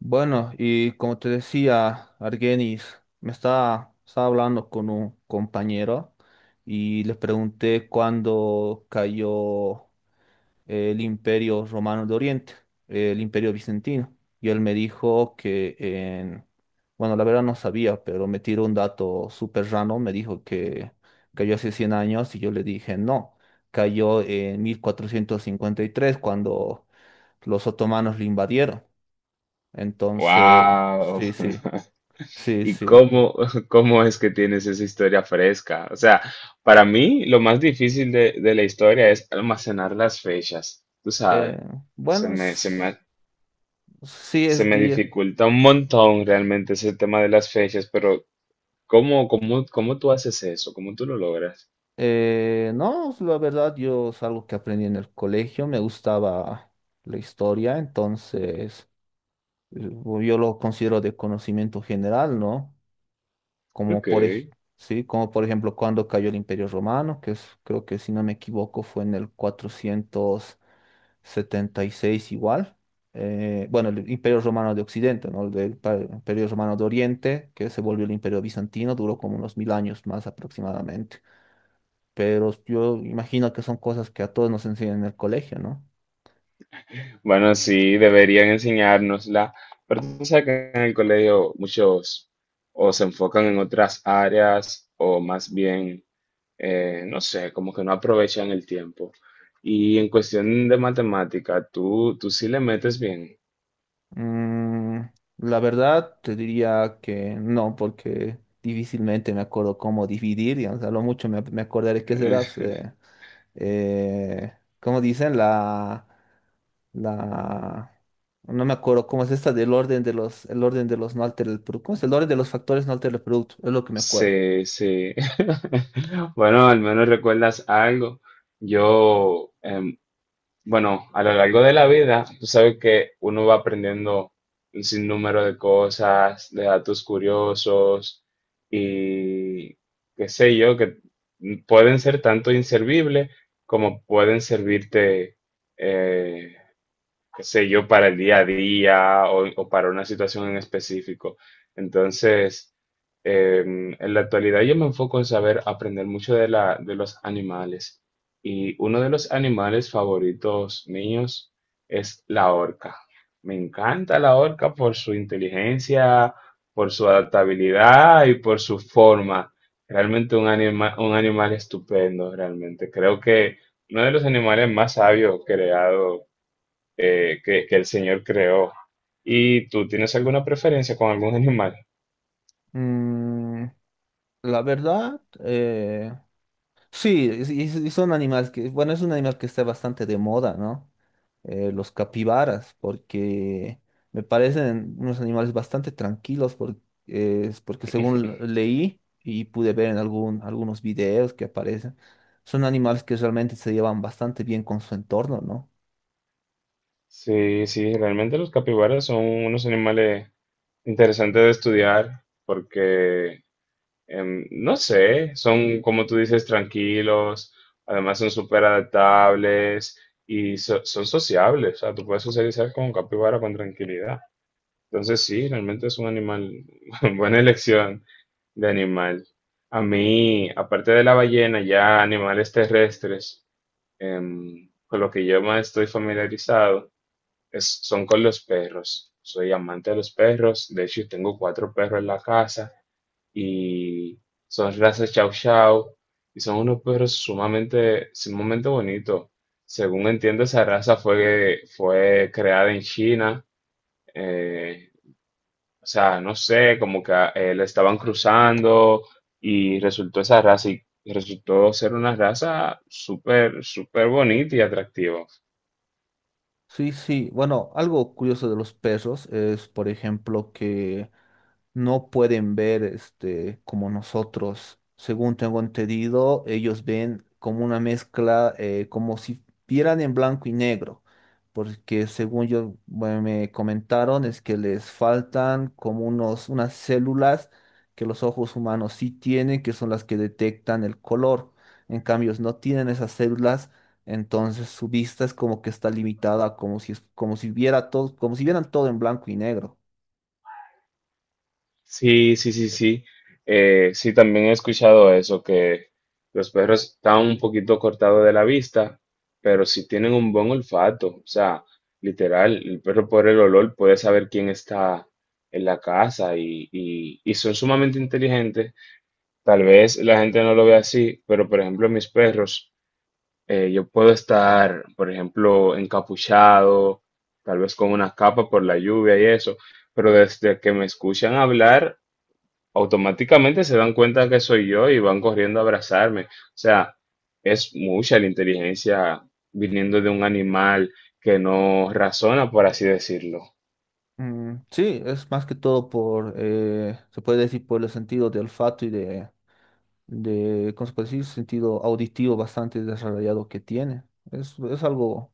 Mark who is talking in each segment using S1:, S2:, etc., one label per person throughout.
S1: Bueno, y como te decía, Argenis, me estaba hablando con un compañero y le pregunté cuándo cayó el Imperio Romano de Oriente, el Imperio Bizantino. Y él me dijo que bueno, la verdad no sabía, pero me tiró un dato súper raro. Me dijo que cayó hace 100 años y yo le dije no, cayó en 1453 cuando los otomanos lo invadieron. Entonces,
S2: Wow.
S1: sí, sí, sí,
S2: ¿Y
S1: sí.
S2: cómo, cómo es que tienes esa historia fresca? O sea, para mí lo más difícil de la historia es almacenar las fechas. Tú
S1: Eh,
S2: sabes, se
S1: bueno,
S2: me, se me,
S1: sí
S2: se
S1: es
S2: me
S1: que
S2: dificulta un montón realmente ese tema de las fechas, pero ¿cómo, cómo, cómo tú haces eso? ¿Cómo tú lo logras?
S1: no, la verdad yo es algo que aprendí en el colegio, me gustaba la historia, entonces eh, yo lo considero de conocimiento general, ¿no? Como
S2: Ok.
S1: por, ej- sí, como por ejemplo cuando cayó el Imperio Romano, que es, creo que si no me equivoco fue en el 476 igual. Bueno, el Imperio Romano de Occidente, ¿no? Imperio Romano de Oriente, que se volvió el Imperio Bizantino, duró como unos 1000 años más aproximadamente. Pero yo imagino que son cosas que a todos nos enseñan en el colegio, ¿no?
S2: Bueno, sí, deberían enseñárnosla, pero tú sabes que en el colegio muchos o se enfocan en otras áreas o más bien no sé, como que no aprovechan el tiempo. Y en cuestión de matemática, tú sí le metes bien.
S1: Mm, la verdad, te diría que no, porque difícilmente me acuerdo cómo dividir, y a lo mucho me acordaré que será,
S2: Eh,
S1: eh, ¿cómo dicen? La, no me acuerdo cómo es esta del orden de los, el orden de los no altera el producto, ¿cómo es el orden de los factores no altera el producto? Es lo que me acuerdo.
S2: sí se- Bueno, al menos recuerdas algo. Yo, bueno, a lo largo de la vida, tú sabes que uno va aprendiendo un sinnúmero de cosas, de datos curiosos y qué sé yo, que pueden ser tanto inservibles como pueden servirte eh, qué sé yo, para el día a día o para una situación en específico. Entonces, en la actualidad yo me enfoco en saber aprender mucho de los animales. Y uno de los animales favoritos míos es la orca. Me encanta la orca por su inteligencia, por su adaptabilidad y por su forma. Realmente un un animal estupendo, realmente. Creo que uno de los animales más sabios creados que el Señor creó. ¿Y tú tienes alguna preferencia con algún animal?
S1: Mm, la verdad, sí, y son animales que, bueno, es un animal que está bastante de moda, ¿no? Los capibaras, porque me parecen unos animales bastante tranquilos, es porque según leí y pude ver en algunos videos que aparecen, son animales que realmente se llevan bastante bien con su entorno, ¿no?
S2: Sí, sí, realmente los capibaras son unos animales interesantes de estudiar porque, no sé, son, como tú dices, tranquilos, además son súper adaptables y son sociables, o sea, tú puedes socializar con un capibara con tranquilidad. Entonces sí, realmente es un animal, buena elección de animal. A mí, aparte de la ballena, ya animales terrestres, con lo que yo más estoy familiarizado son con los perros. Soy amante de los perros, de hecho tengo cuatro perros en la casa y son razas Chow Chow y son unos perros sumamente, sumamente bonitos. Según entiendo, esa raza fue creada en China eh, o sea, no sé, como que la estaban cruzando y resultó esa raza y resultó ser una raza súper, súper bonita y atractiva.
S1: Sí, sí, bueno, algo curioso de los perros es, por ejemplo, que no pueden ver este como nosotros. Según tengo entendido, ellos ven como una mezcla, como si vieran en blanco y negro, porque según yo bueno, me comentaron es que les faltan como unos unas células que los ojos humanos sí tienen, que son las que detectan el color. En cambio, no tienen esas células. Entonces su vista es como que está limitada, como si viera todo, como si vieran todo en blanco y negro.
S2: Sí, sí, sí, sí. Sí, también he escuchado eso, que los perros están un poquito cortados de la vista, pero sí tienen un buen olfato. O sea, literal, el perro por el olor puede saber quién está en la casa y son sumamente inteligentes. Tal vez la gente no lo ve así, pero por ejemplo mis perros, yo puedo estar, por ejemplo, encapuchado, tal vez con una capa por la lluvia y eso, pero desde que me escuchan hablar, automáticamente se dan cuenta que soy yo y van corriendo a abrazarme. O sea, es mucha la inteligencia viniendo de un animal que no razona, por así decirlo.
S1: Mm, sí, es más que todo por, se puede decir por el sentido de olfato de, ¿cómo se puede decir? Sentido auditivo bastante desarrollado que tiene. Es algo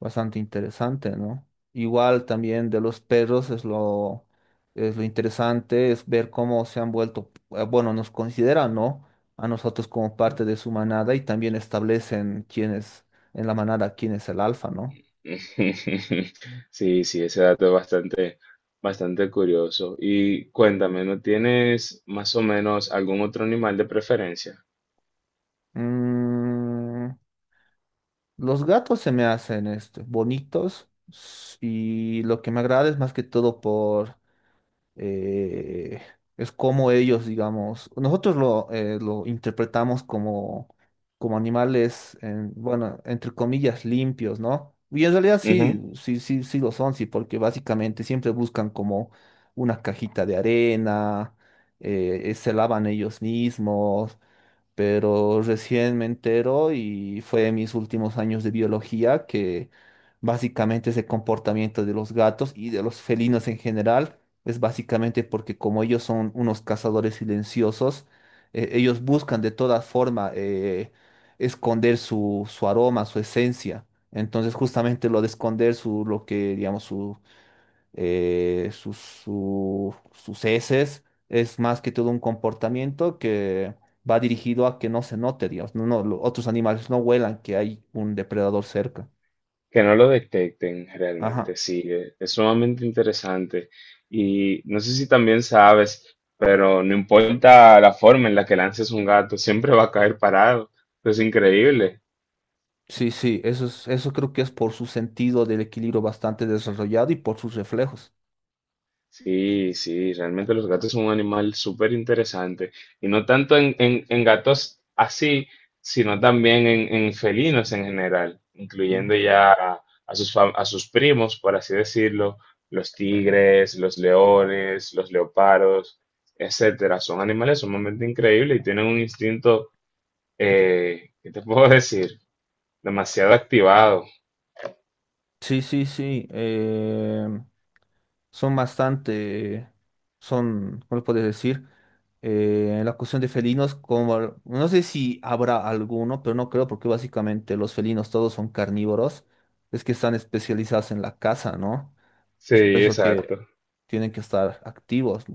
S1: bastante interesante, ¿no? Igual también de los perros es lo interesante, es ver cómo se han vuelto, bueno, nos consideran, ¿no? A nosotros como parte de su manada y también establecen quién es en la manada, quién es el alfa, ¿no?
S2: Sí, sí, ese dato es bastante. Bastante curioso. Y cuéntame, ¿no tienes más o menos algún otro animal de preferencia?
S1: Mm, los gatos se me hacen este, bonitos y lo que me agrada es más que todo por... eh, es como ellos, digamos, nosotros lo interpretamos como, como animales, bueno, entre comillas, limpios, ¿no? Y en realidad sí,
S2: Ujú.
S1: sí, sí, sí lo son, sí, porque básicamente siempre buscan como una cajita de arena, se lavan ellos mismos, pero recién me entero y fue en mis últimos años de biología que básicamente ese comportamiento de los gatos y de los felinos en general es básicamente porque como ellos son unos cazadores silenciosos, ellos buscan de todas formas esconder su aroma, su esencia. Entonces justamente lo de esconder su, lo que, digamos, su sus heces, es más que todo un comportamiento que va dirigido a que no se note, digamos, otros animales no huelan que hay un depredador cerca.
S2: Que no lo detecten
S1: Ajá.
S2: realmente, sí, es sumamente interesante. Y no sé si también sabes, pero no importa la forma en la que lances un gato, siempre va a caer parado. Es increíble.
S1: Sí, sí, eso es, eso creo que es por su sentido del equilibrio bastante desarrollado y por sus reflejos.
S2: Sí, sí, realmente los gatos son un animal súper interesante. Y no tanto en, en gatos así, sino también en felinos en general,
S1: Ujú.
S2: incluyendo ya a sus, a sus primos, por así decirlo, los tigres, los leones, los leopardos, etcétera. Son animales sumamente increíbles y tienen un instinto, ¿qué te puedo decir? Demasiado activado.
S1: Sí, sí, sí, son bastante, son, ¿cómo lo puedes decir? En la cuestión de felinos, como, no sé si habrá alguno, pero no creo, porque básicamente los felinos todos son carnívoros, es que están especializados en la caza, ¿no?
S2: Sí,
S1: Es por eso que
S2: exacto.
S1: tienen que estar activos.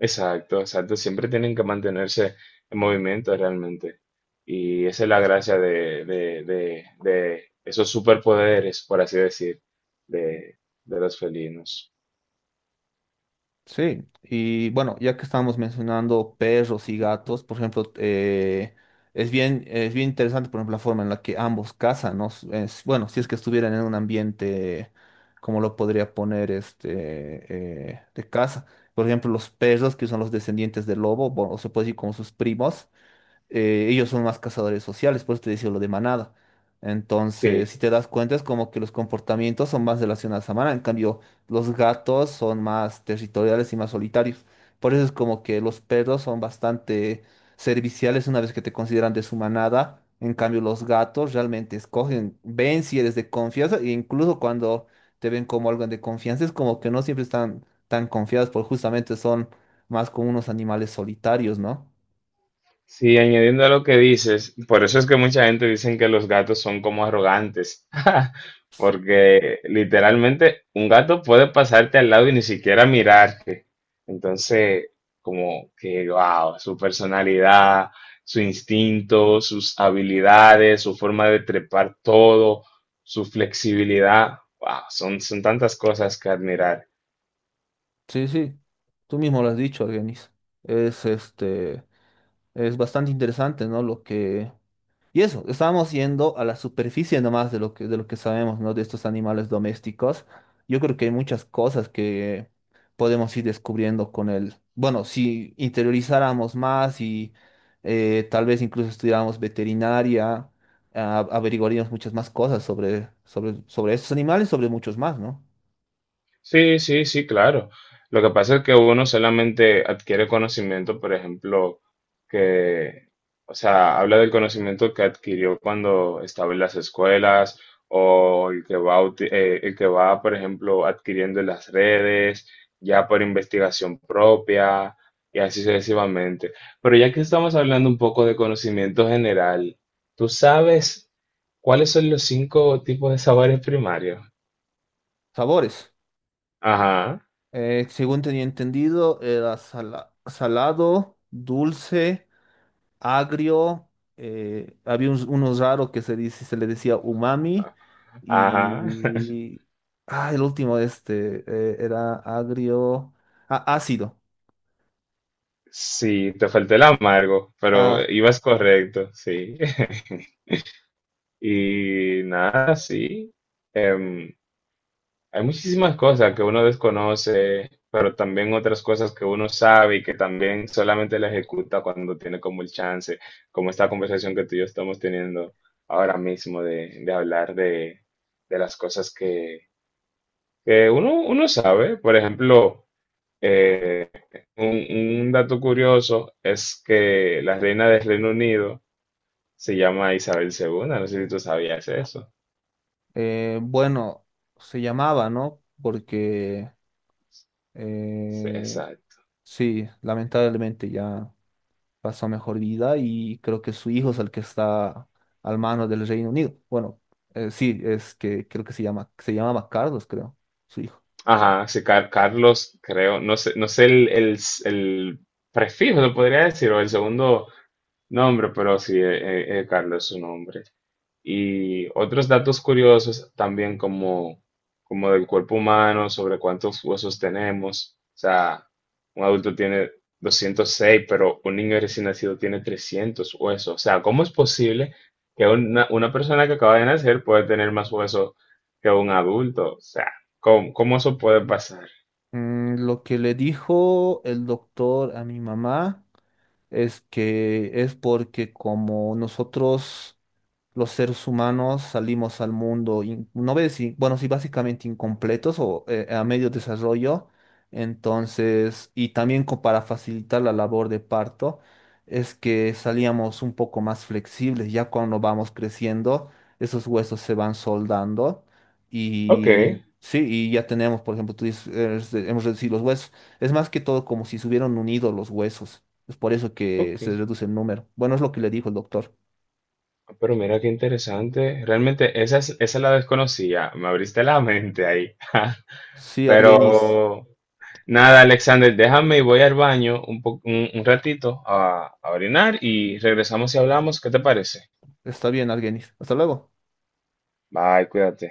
S2: Exacto, exacto. Siempre tienen que mantenerse en movimiento realmente. Y esa es la gracia de esos superpoderes, por así decir, de, de los felinos.
S1: Sí, y bueno, ya que estábamos mencionando perros y gatos, por ejemplo, es bien interesante, por ejemplo, la forma en la que ambos cazan, ¿no? Bueno, si es que estuvieran en un ambiente, como lo podría poner este, de caza. Por ejemplo, los perros, que son los descendientes del lobo, bueno, o se puede decir como sus primos, ellos son más cazadores sociales, por eso te decía lo de manada. Entonces, si
S2: Sí.
S1: te das cuenta, es como que los comportamientos son más relacionados a manada. En cambio, los gatos son más territoriales y más solitarios. Por eso es como que los perros son bastante serviciales una vez que te consideran de su manada. En cambio, los gatos realmente escogen, ven si eres de confianza, e incluso cuando te ven como alguien de confianza, es como que no siempre están tan confiados, porque justamente son más como unos animales solitarios, ¿no?
S2: Sí, añadiendo a lo que dices, por eso es que mucha gente dicen que los gatos son como arrogantes,
S1: Sí.
S2: porque literalmente un gato puede pasarte al lado y ni siquiera mirarte. Entonces, como que, wow, su personalidad, su instinto, sus habilidades, su forma de trepar todo, su flexibilidad, wow, son, son tantas cosas que admirar.
S1: Sí, sí, tú mismo lo has dicho, Argenis. Es este, es bastante interesante, ¿no? Lo que. Y eso, estábamos yendo a la superficie nomás de lo que sabemos, ¿no? De estos animales domésticos. Yo creo que hay muchas cosas que podemos ir descubriendo con el. Bueno, si interiorizáramos más y tal vez incluso estudiáramos veterinaria, averiguaríamos muchas más cosas sobre estos animales, sobre muchos más, ¿no?
S2: Sí, sí, sí, claro. Lo que pasa es que uno solamente adquiere conocimiento, por ejemplo, que, o sea, habla del conocimiento que adquirió cuando estaba en las escuelas o el que va, el que va, por ejemplo, adquiriendo en las redes, ya por investigación propia y así sucesivamente. Pero ya que estamos hablando un poco de conocimiento general, ¿tú sabes cuáles son los cinco tipos de sabores primarios?
S1: Sabores.
S2: Ajá.
S1: Según tenía entendido, era salado, dulce, agrio. Había unos, unos raros que se dice, se le decía umami.
S2: Ajá,
S1: Y. Ah, el último, este, era agrio. Ah, ácido.
S2: sí, te faltó el amargo, pero
S1: Ah,
S2: ibas correcto, sí. Y nada, sí. Em, hay muchísimas cosas que uno desconoce, pero también otras cosas que uno sabe y que también solamente la ejecuta cuando tiene como el chance, como esta conversación que tú y yo estamos teniendo ahora mismo de hablar de las cosas que uno sabe. Por ejemplo, Un, un dato curioso es que la reina del Reino Unido se llama Isabel II. No sé si tú sabías eso.
S1: bueno, se llamaba, ¿no? Porque.
S2: Sí,
S1: eh,
S2: exacto.
S1: sí, lamentablemente ya pasó mejor vida y creo que su hijo es el que está al mano del Reino Unido. Bueno, sí, es que creo que se llama, se llamaba Carlos, creo, su hijo.
S2: Ajá, sí, Carlos, creo, no sé, no sé el prefijo, lo podría decir, o el segundo nombre, pero sí, Carlos es su nombre. Y otros datos curiosos también como, como del cuerpo humano, sobre cuántos huesos tenemos. O sea, un adulto tiene 206, pero un niño recién nacido tiene 300 huesos. O sea, ¿cómo es posible que una persona que acaba de nacer puede tener más huesos que un adulto? O sea, ¿cómo, cómo eso puede pasar?
S1: Mm, lo que le dijo el doctor a mi mamá es que es porque como nosotros los seres humanos salimos al mundo, no ves si, bueno, sí, básicamente incompletos o a medio desarrollo, entonces, y también para facilitar la labor de parto, es que salíamos un poco más flexibles. Ya cuando vamos creciendo, esos huesos se van soldando
S2: Ok,
S1: y... Sí, y ya tenemos, por ejemplo, tú dices, este, hemos reducido los huesos. Es más que todo como si se hubieran unido los huesos. Es por eso que
S2: ok.
S1: se reduce el número. Bueno, es lo que le dijo el doctor.
S2: Pero mira qué interesante. Realmente esa, esa la desconocía. Me abriste la mente ahí.
S1: Sí, Argenis.
S2: Pero nada, Alexander, déjame y voy al baño un, un ratito a orinar y regresamos y hablamos. ¿Qué te parece?
S1: Está bien, Argenis. Hasta luego.
S2: Bye, cuídate.